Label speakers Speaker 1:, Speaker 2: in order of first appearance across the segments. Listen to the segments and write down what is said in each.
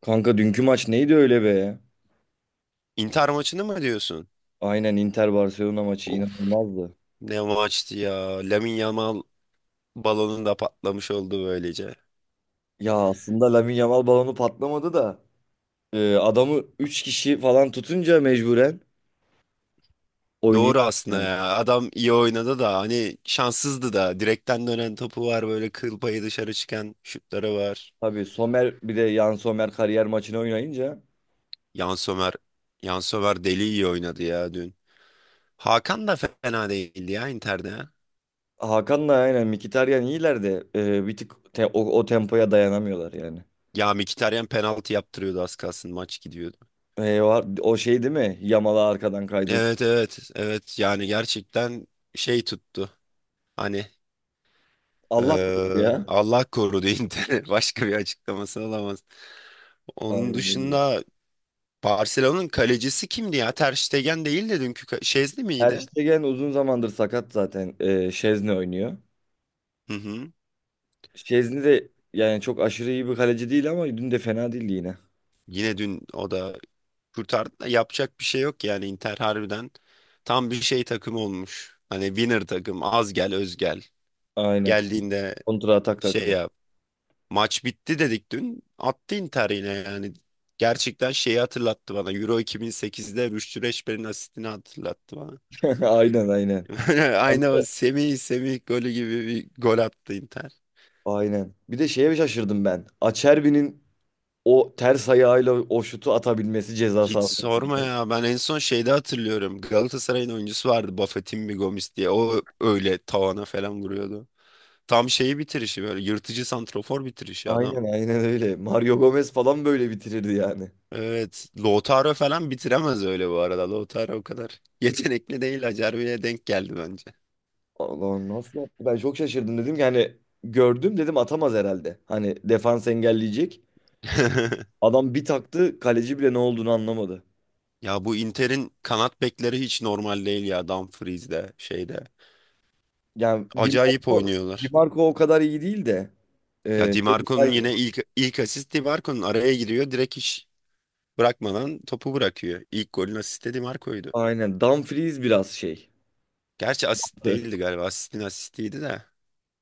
Speaker 1: Kanka dünkü maç neydi öyle be?
Speaker 2: Inter maçını mı diyorsun?
Speaker 1: Aynen Inter Barcelona maçı
Speaker 2: Of,
Speaker 1: inanılmazdı.
Speaker 2: ne maçtı ya. Lamine Yamal balonun da patlamış oldu böylece.
Speaker 1: Ya aslında Lamine Yamal balonu patlamadı da adamı 3 kişi falan tutunca mecburen oynayamıyor.
Speaker 2: Doğru aslında
Speaker 1: Yani.
Speaker 2: ya. Adam iyi oynadı da hani şanssızdı da. Direkten dönen topu var, böyle kıl payı dışarı çıkan şutları var.
Speaker 1: Tabii Somer bir de Yan Somer kariyer maçını oynayınca
Speaker 2: Yan Sömer, Yan Sömer deli iyi oynadı ya dün. Hakan da fena değildi ya Inter'de.
Speaker 1: Hakan'la aynen Mkhitaryan iyiler de bir tık o tempoya dayanamıyorlar yani.
Speaker 2: Ya Mkhitaryan penaltı yaptırıyordu, az kalsın maç gidiyordu.
Speaker 1: Var, o şey değil mi? Yamal'a arkadan kaydı.
Speaker 2: Evet evet evet, yani gerçekten şey tuttu. Hani
Speaker 1: Allah korusun ya.
Speaker 2: Allah korudu Inter'in, başka bir açıklaması olamaz. Onun
Speaker 1: Aynen öyle.
Speaker 2: dışında Barcelona'nın kalecisi kimdi ya? Ter Stegen değil de dünkü Şezli
Speaker 1: Ter
Speaker 2: miydi?
Speaker 1: Stegen uzun zamandır sakat zaten. Şezne oynuyor.
Speaker 2: Hı hı.
Speaker 1: Şezni de yani çok aşırı iyi bir kaleci değil ama dün de fena değildi yine.
Speaker 2: Yine dün o da kurtardı da yapacak bir şey yok, yani Inter harbiden tam bir şey, takım olmuş. Hani winner takım, az gel öz gel.
Speaker 1: Aynen.
Speaker 2: Geldiğinde
Speaker 1: Kontra atak
Speaker 2: şey
Speaker 1: takımı.
Speaker 2: yap. Maç bitti dedik dün. Attı Inter yine yani. Gerçekten şeyi hatırlattı bana. Euro 2008'de Rüştü Reçber'in asistini hatırlattı bana.
Speaker 1: Aynen aynen. Abi,
Speaker 2: Aynı o Semih golü gibi bir gol attı Inter.
Speaker 1: aynen. Bir de şeye şaşırdım ben. Acerbi'nin o ters ayağıyla o şutu atabilmesi ceza
Speaker 2: Hiç
Speaker 1: sahası.
Speaker 2: sorma ya. Ben en son şeyde hatırlıyorum. Galatasaray'ın oyuncusu vardı, Bafétimbi Gomis diye. O öyle tavana falan vuruyordu. Tam şeyi, bitirişi böyle yırtıcı santrafor bitirişi adam.
Speaker 1: Aynen aynen öyle. Mario Gomez falan böyle bitirirdi yani.
Speaker 2: Evet. Lautaro falan bitiremez öyle bu arada. Lautaro o kadar yetenekli değil. Acerbi'ye denk geldi bence.
Speaker 1: Allah'ım nasıl yaptı? Ben çok şaşırdım dedim ki hani gördüm dedim atamaz herhalde. Hani defans engelleyecek. Adam bir taktı kaleci bile ne olduğunu anlamadı.
Speaker 2: Ya bu Inter'in kanat bekleri hiç normal değil ya. Dumfries'de şeyde.
Speaker 1: Yani Di
Speaker 2: Acayip
Speaker 1: Marco, Di
Speaker 2: oynuyorlar.
Speaker 1: Marco o kadar iyi değil de e,
Speaker 2: Ya Di
Speaker 1: şey daha
Speaker 2: Marco'nun
Speaker 1: iyi.
Speaker 2: yine ilk asist, Di Marco'nun araya giriyor. Direkt hiç bırakmadan topu bırakıyor. İlk golün asisti Di Marco'ydu.
Speaker 1: Aynen Dumfries biraz şey.
Speaker 2: Gerçi asist
Speaker 1: Evet.
Speaker 2: değildi galiba. Asistin asistiydi de.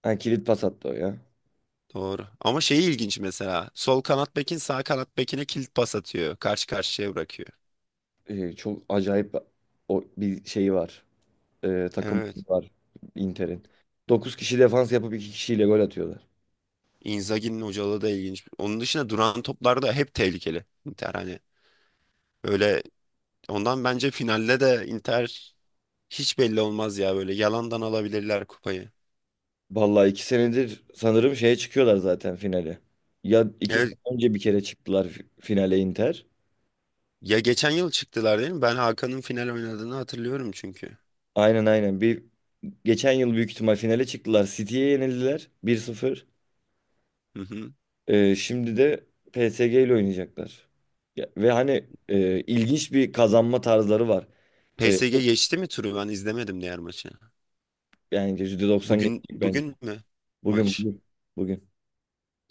Speaker 1: Yani kilit pas attı o ya.
Speaker 2: Doğru. Ama şeyi ilginç mesela. Sol kanat bekin sağ kanat bekine kilit pas atıyor. Karşı karşıya bırakıyor.
Speaker 1: Çok acayip o bir şeyi var. Takım
Speaker 2: Evet.
Speaker 1: var Inter'in. Dokuz kişi defans yapıp 2 kişiyle gol atıyorlar.
Speaker 2: Inzaghi'nin hocalığı da ilginç. Onun dışında duran toplar da hep tehlikeli. Inter hani böyle, ondan bence finalde de Inter hiç belli olmaz ya, böyle yalandan alabilirler kupayı.
Speaker 1: Vallahi 2 senedir sanırım şeye çıkıyorlar zaten finale. Ya iki sene
Speaker 2: Evet.
Speaker 1: önce bir kere çıktılar finale Inter.
Speaker 2: Ya geçen yıl çıktılar değil mi? Ben Hakan'ın final oynadığını hatırlıyorum çünkü.
Speaker 1: Aynen aynen. Bir geçen yıl büyük ihtimal finale çıktılar. City'ye yenildiler 1-0.
Speaker 2: Hı hı.
Speaker 1: Şimdi de PSG ile oynayacaklar. Ve hani ilginç bir kazanma tarzları var. E,
Speaker 2: PSG
Speaker 1: çok-
Speaker 2: geçti mi turu? Ben izlemedim diğer maçı.
Speaker 1: yani %90
Speaker 2: Bugün
Speaker 1: geçecek bence.
Speaker 2: bugün mü
Speaker 1: Bugün,
Speaker 2: maç?
Speaker 1: bugün, bugün.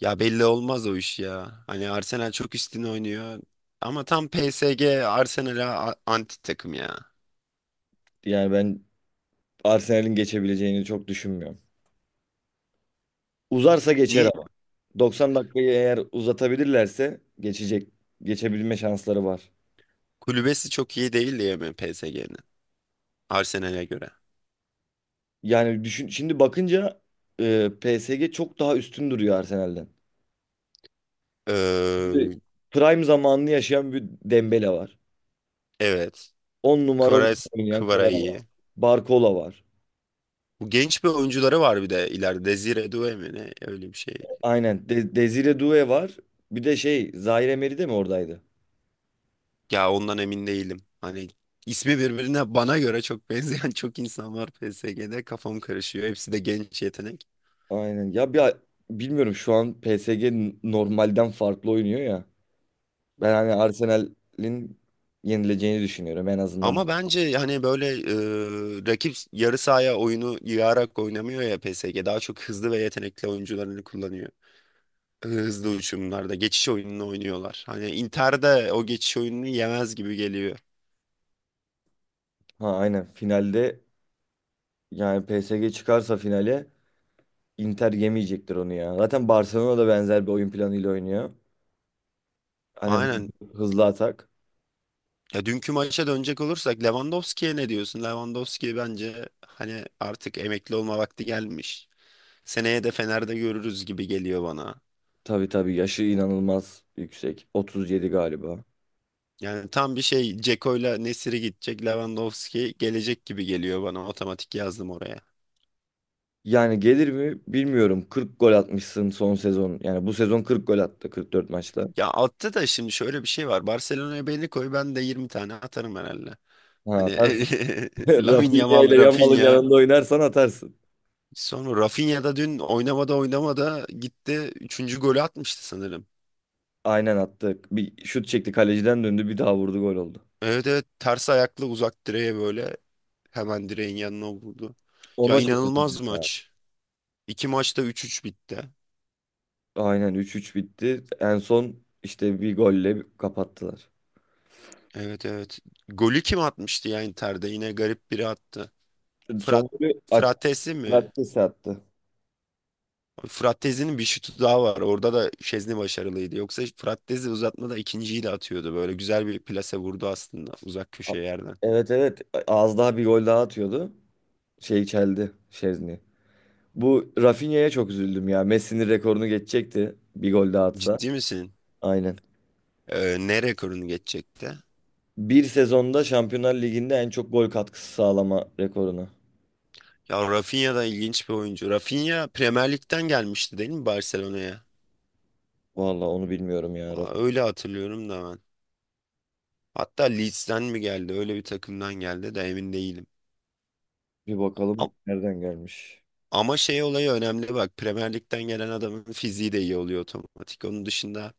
Speaker 2: Ya belli olmaz o iş ya. Hani Arsenal çok üstün oynuyor. Ama tam PSG Arsenal'a anti takım ya.
Speaker 1: Yani ben Arsenal'in geçebileceğini çok düşünmüyorum. Uzarsa geçer
Speaker 2: Niye?
Speaker 1: ama. 90 dakikayı eğer uzatabilirlerse geçecek. Geçebilme şansları var.
Speaker 2: Kulübesi çok iyi değil diye mi PSG'nin? Arsenal'e göre.
Speaker 1: Yani düşün, şimdi bakınca PSG çok daha üstün duruyor Arsenal'den. Şimdi
Speaker 2: Ee,
Speaker 1: prime zamanını yaşayan bir Dembele var.
Speaker 2: evet.
Speaker 1: 10 numara oynayan
Speaker 2: Kvara
Speaker 1: Kvara
Speaker 2: iyi.
Speaker 1: var. Barcola var.
Speaker 2: Bu, genç bir oyuncuları var bir de ileride. Desire Doué mi ne? Öyle bir şey.
Speaker 1: Aynen. Desire Doué var. Bir de şey Zaire Emery de mi oradaydı?
Speaker 2: Ya ondan emin değilim. Hani ismi birbirine bana göre çok benzeyen çok insan var PSG'de. Kafam karışıyor. Hepsi de genç yetenek.
Speaker 1: Aynen. Ya bir bilmiyorum şu an PSG normalden farklı oynuyor ya. Ben hani Arsenal'in yenileceğini düşünüyorum en azından.
Speaker 2: Ama bence hani böyle rakip yarı sahaya oyunu yığarak oynamıyor ya PSG. Daha çok hızlı ve yetenekli oyuncularını kullanıyor. Hızlı uçumlarda geçiş oyununu oynuyorlar. Hani Inter'de o geçiş oyununu yemez gibi geliyor.
Speaker 1: Ha aynen finalde yani PSG çıkarsa finale Inter yemeyecektir onu ya. Zaten Barcelona da benzer bir oyun planıyla oynuyor. Hani
Speaker 2: Aynen.
Speaker 1: hızlı atak.
Speaker 2: Ya dünkü maça dönecek olursak, Lewandowski'ye ne diyorsun? Lewandowski bence hani artık emekli olma vakti gelmiş. Seneye de Fener'de görürüz gibi geliyor bana.
Speaker 1: Tabii tabii yaşı inanılmaz yüksek. 37 galiba.
Speaker 2: Yani tam bir şey, Ceko'yla Nesiri gidecek, Lewandowski gelecek gibi geliyor bana. Otomatik yazdım oraya.
Speaker 1: Yani gelir mi bilmiyorum. 40 gol atmışsın son sezon. Yani bu sezon 40 gol attı 44 maçta.
Speaker 2: Ya altta da şimdi şöyle bir şey var. Barcelona'ya belli koy, ben de 20 tane atarım herhalde.
Speaker 1: Ha
Speaker 2: Hani
Speaker 1: atarsın.
Speaker 2: Lamine
Speaker 1: Rafinha
Speaker 2: Yamal,
Speaker 1: ile Yamal'ın
Speaker 2: Rafinha.
Speaker 1: yanında oynarsan atarsın.
Speaker 2: Sonra Rafinha da dün oynamada oynamada gitti. Üçüncü golü atmıştı sanırım.
Speaker 1: Aynen attı. Bir şut çekti kaleciden döndü bir daha vurdu gol oldu.
Speaker 2: Evet evet, ters ayaklı uzak direğe, böyle hemen direğin yanına vurdu. Ya
Speaker 1: Ona çok üzüldüm
Speaker 2: inanılmaz
Speaker 1: ya.
Speaker 2: maç. İki maçta 3-3 bitti.
Speaker 1: Aynen 3-3 bitti. En son işte bir golle kapattılar.
Speaker 2: Evet evet. Golü kim atmıştı ya Inter'de? Yine garip biri attı.
Speaker 1: Son
Speaker 2: Frat
Speaker 1: golü aç
Speaker 2: Fratesi mi?
Speaker 1: Fratkesi attı.
Speaker 2: Fratesi'nin bir şutu daha var. Orada da Şezni başarılıydı. Yoksa Fratesi uzatmada ikinciyi de atıyordu. Böyle güzel bir plase vurdu aslında, uzak
Speaker 1: A-
Speaker 2: köşe yerden.
Speaker 1: Evet evet az daha bir gol daha atıyordu. Şey çeldi Şezni. Bu Rafinha'ya çok üzüldüm ya. Messi'nin rekorunu geçecekti bir gol daha atsa.
Speaker 2: Ciddi misin?
Speaker 1: Aynen.
Speaker 2: Ne rekorunu geçecekti?
Speaker 1: Bir sezonda Şampiyonlar Ligi'nde en çok gol katkısı sağlama rekoruna.
Speaker 2: Ya Rafinha da ilginç bir oyuncu. Rafinha Premier Lig'den gelmişti değil mi Barcelona'ya?
Speaker 1: Vallahi onu bilmiyorum ya.
Speaker 2: Aa,
Speaker 1: Rafinha.
Speaker 2: öyle hatırlıyorum da ben. Hatta Leeds'ten mi geldi? Öyle bir takımdan geldi de emin değilim.
Speaker 1: Bir bakalım nereden gelmiş.
Speaker 2: Ama şey, olayı önemli bak. Premier Lig'den gelen adamın fiziği de iyi oluyor otomatik. Onun dışında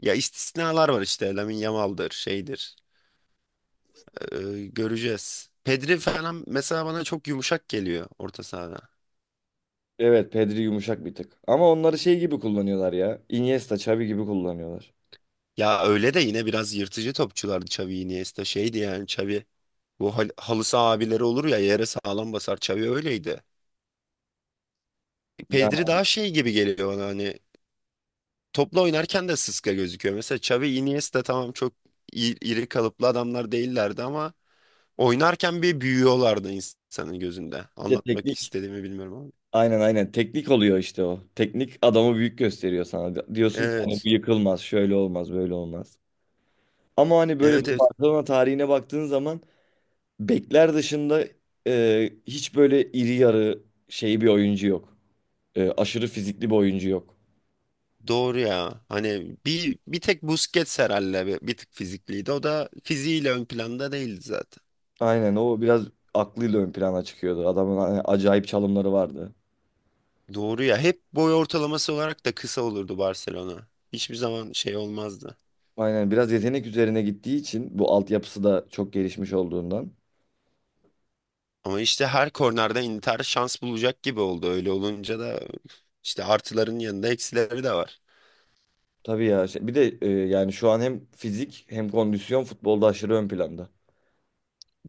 Speaker 2: ya istisnalar var işte. Lamine Yamal'dır, şeydir. Ee, göreceğiz. Pedri falan mesela bana çok yumuşak geliyor orta sahada.
Speaker 1: Evet Pedri yumuşak bir tık. Ama onları şey gibi kullanıyorlar ya. Iniesta, Xavi gibi kullanıyorlar.
Speaker 2: Ya öyle de yine biraz yırtıcı topçulardı Xavi, Iniesta, şeydi yani Xavi. Bu halı saha abileri olur ya, yere sağlam basar, Xavi öyleydi.
Speaker 1: Ya
Speaker 2: Pedri daha şey gibi geliyor bana, hani topla oynarken de sıska gözüküyor. Mesela Xavi, Iniesta tamam, çok iri kalıplı adamlar değillerdi ama oynarken bir büyüyorlardı insanın gözünde.
Speaker 1: bir de
Speaker 2: Anlatmak
Speaker 1: teknik.
Speaker 2: istediğimi bilmiyorum ama.
Speaker 1: Aynen aynen. Teknik oluyor işte o. Teknik adamı büyük gösteriyor sana. Diyorsun ki hani bu
Speaker 2: Evet.
Speaker 1: yıkılmaz, şöyle olmaz, böyle olmaz. Ama hani böyle bir
Speaker 2: Evet evet.
Speaker 1: Barcelona tarihine baktığın zaman bekler dışında hiç böyle iri yarı şey bir oyuncu yok. Aşırı fizikli bir oyuncu yok.
Speaker 2: Doğru ya. Hani bir tek Busquets herhalde bir tık fizikliydi. O da fiziğiyle ön planda değildi zaten.
Speaker 1: Aynen o biraz aklıyla ön plana çıkıyordu. Adamın hani acayip çalımları vardı.
Speaker 2: Doğru ya. Hep boy ortalaması olarak da kısa olurdu Barcelona. Hiçbir zaman şey olmazdı.
Speaker 1: Aynen biraz yetenek üzerine gittiği için bu altyapısı da çok gelişmiş olduğundan.
Speaker 2: Ama işte her kornerden Inter şans bulacak gibi oldu. Öyle olunca da işte artıların yanında eksileri de var.
Speaker 1: Tabii ya bir de yani şu an hem fizik hem kondisyon futbolda aşırı ön planda.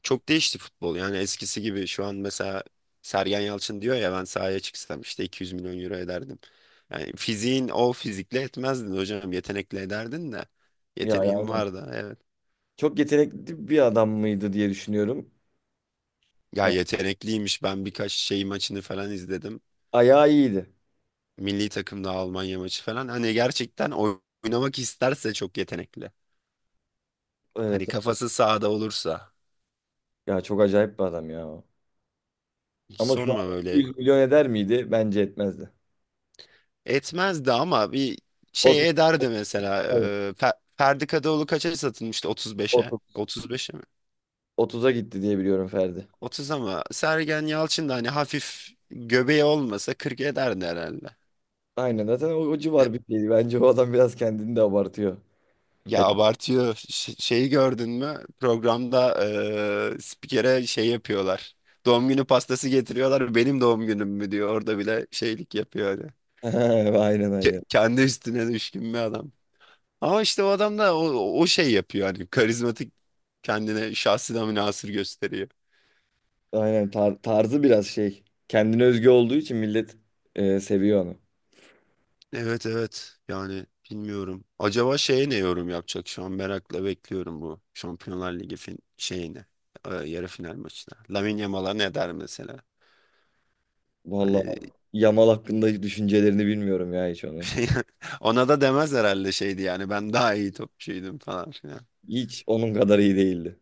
Speaker 2: Çok değişti futbol. Yani eskisi gibi şu an mesela Sergen Yalçın diyor ya, ben sahaya çıksam işte 200 milyon euro ederdim. Yani fiziğin, o fizikle etmezdin hocam. Yetenekle ederdin de.
Speaker 1: Ya ya,
Speaker 2: Yeteneğim
Speaker 1: aynen.
Speaker 2: vardı evet.
Speaker 1: Çok yetenekli bir adam mıydı diye düşünüyorum.
Speaker 2: Ya
Speaker 1: Yani
Speaker 2: yetenekliymiş. Ben birkaç şey, maçını falan izledim.
Speaker 1: ayağı iyiydi.
Speaker 2: Milli takımda Almanya maçı falan. Hani gerçekten oynamak isterse çok yetenekli.
Speaker 1: Evet.
Speaker 2: Hani kafası sahada olursa.
Speaker 1: Ya çok acayip bir adam ya.
Speaker 2: Hiç
Speaker 1: Ama şu an
Speaker 2: sorma böyle.
Speaker 1: 100 milyon eder miydi? Bence etmezdi.
Speaker 2: Etmezdi ama bir
Speaker 1: 30,
Speaker 2: şey ederdi mesela. Ferdi Kadıoğlu kaça satılmıştı? 35'e.
Speaker 1: 30,
Speaker 2: 35'e mi?
Speaker 1: 30'a gitti diye biliyorum Ferdi.
Speaker 2: 30. Ama Sergen Yalçın da hani hafif göbeği olmasa 40 ederdi herhalde.
Speaker 1: Aynen zaten o civar bir şeydi. Bence o adam biraz kendini de abartıyor.
Speaker 2: Ya
Speaker 1: Ya,
Speaker 2: abartıyor. Şeyi gördün mü? Programda spikere şey yapıyorlar. Doğum günü pastası getiriyorlar. Benim doğum günüm mü diyor. Orada bile şeylik yapıyor. Hani.
Speaker 1: aynen
Speaker 2: Ke-
Speaker 1: aynen.
Speaker 2: kendi üstüne düşkün bir adam. Ama işte o adam da o şey yapıyor, hani karizmatik, kendine, şahsına münhasır gösteriyor.
Speaker 1: Aynen tarzı biraz şey. Kendine özgü olduğu için millet seviyor onu.
Speaker 2: Evet evet, yani bilmiyorum. Acaba şeye ne yorum yapacak şu an, merakla bekliyorum bu Şampiyonlar Ligi şeyini, yarı final maçına. Lamine Yamal'a ne der mesela?
Speaker 1: Vallahi
Speaker 2: Hani
Speaker 1: Yamal hakkında düşüncelerini bilmiyorum ya hiç onun.
Speaker 2: ona da demez herhalde, şeydi yani ben daha iyi topçuydum falan filan.
Speaker 1: Hiç onun kadar iyi değildi.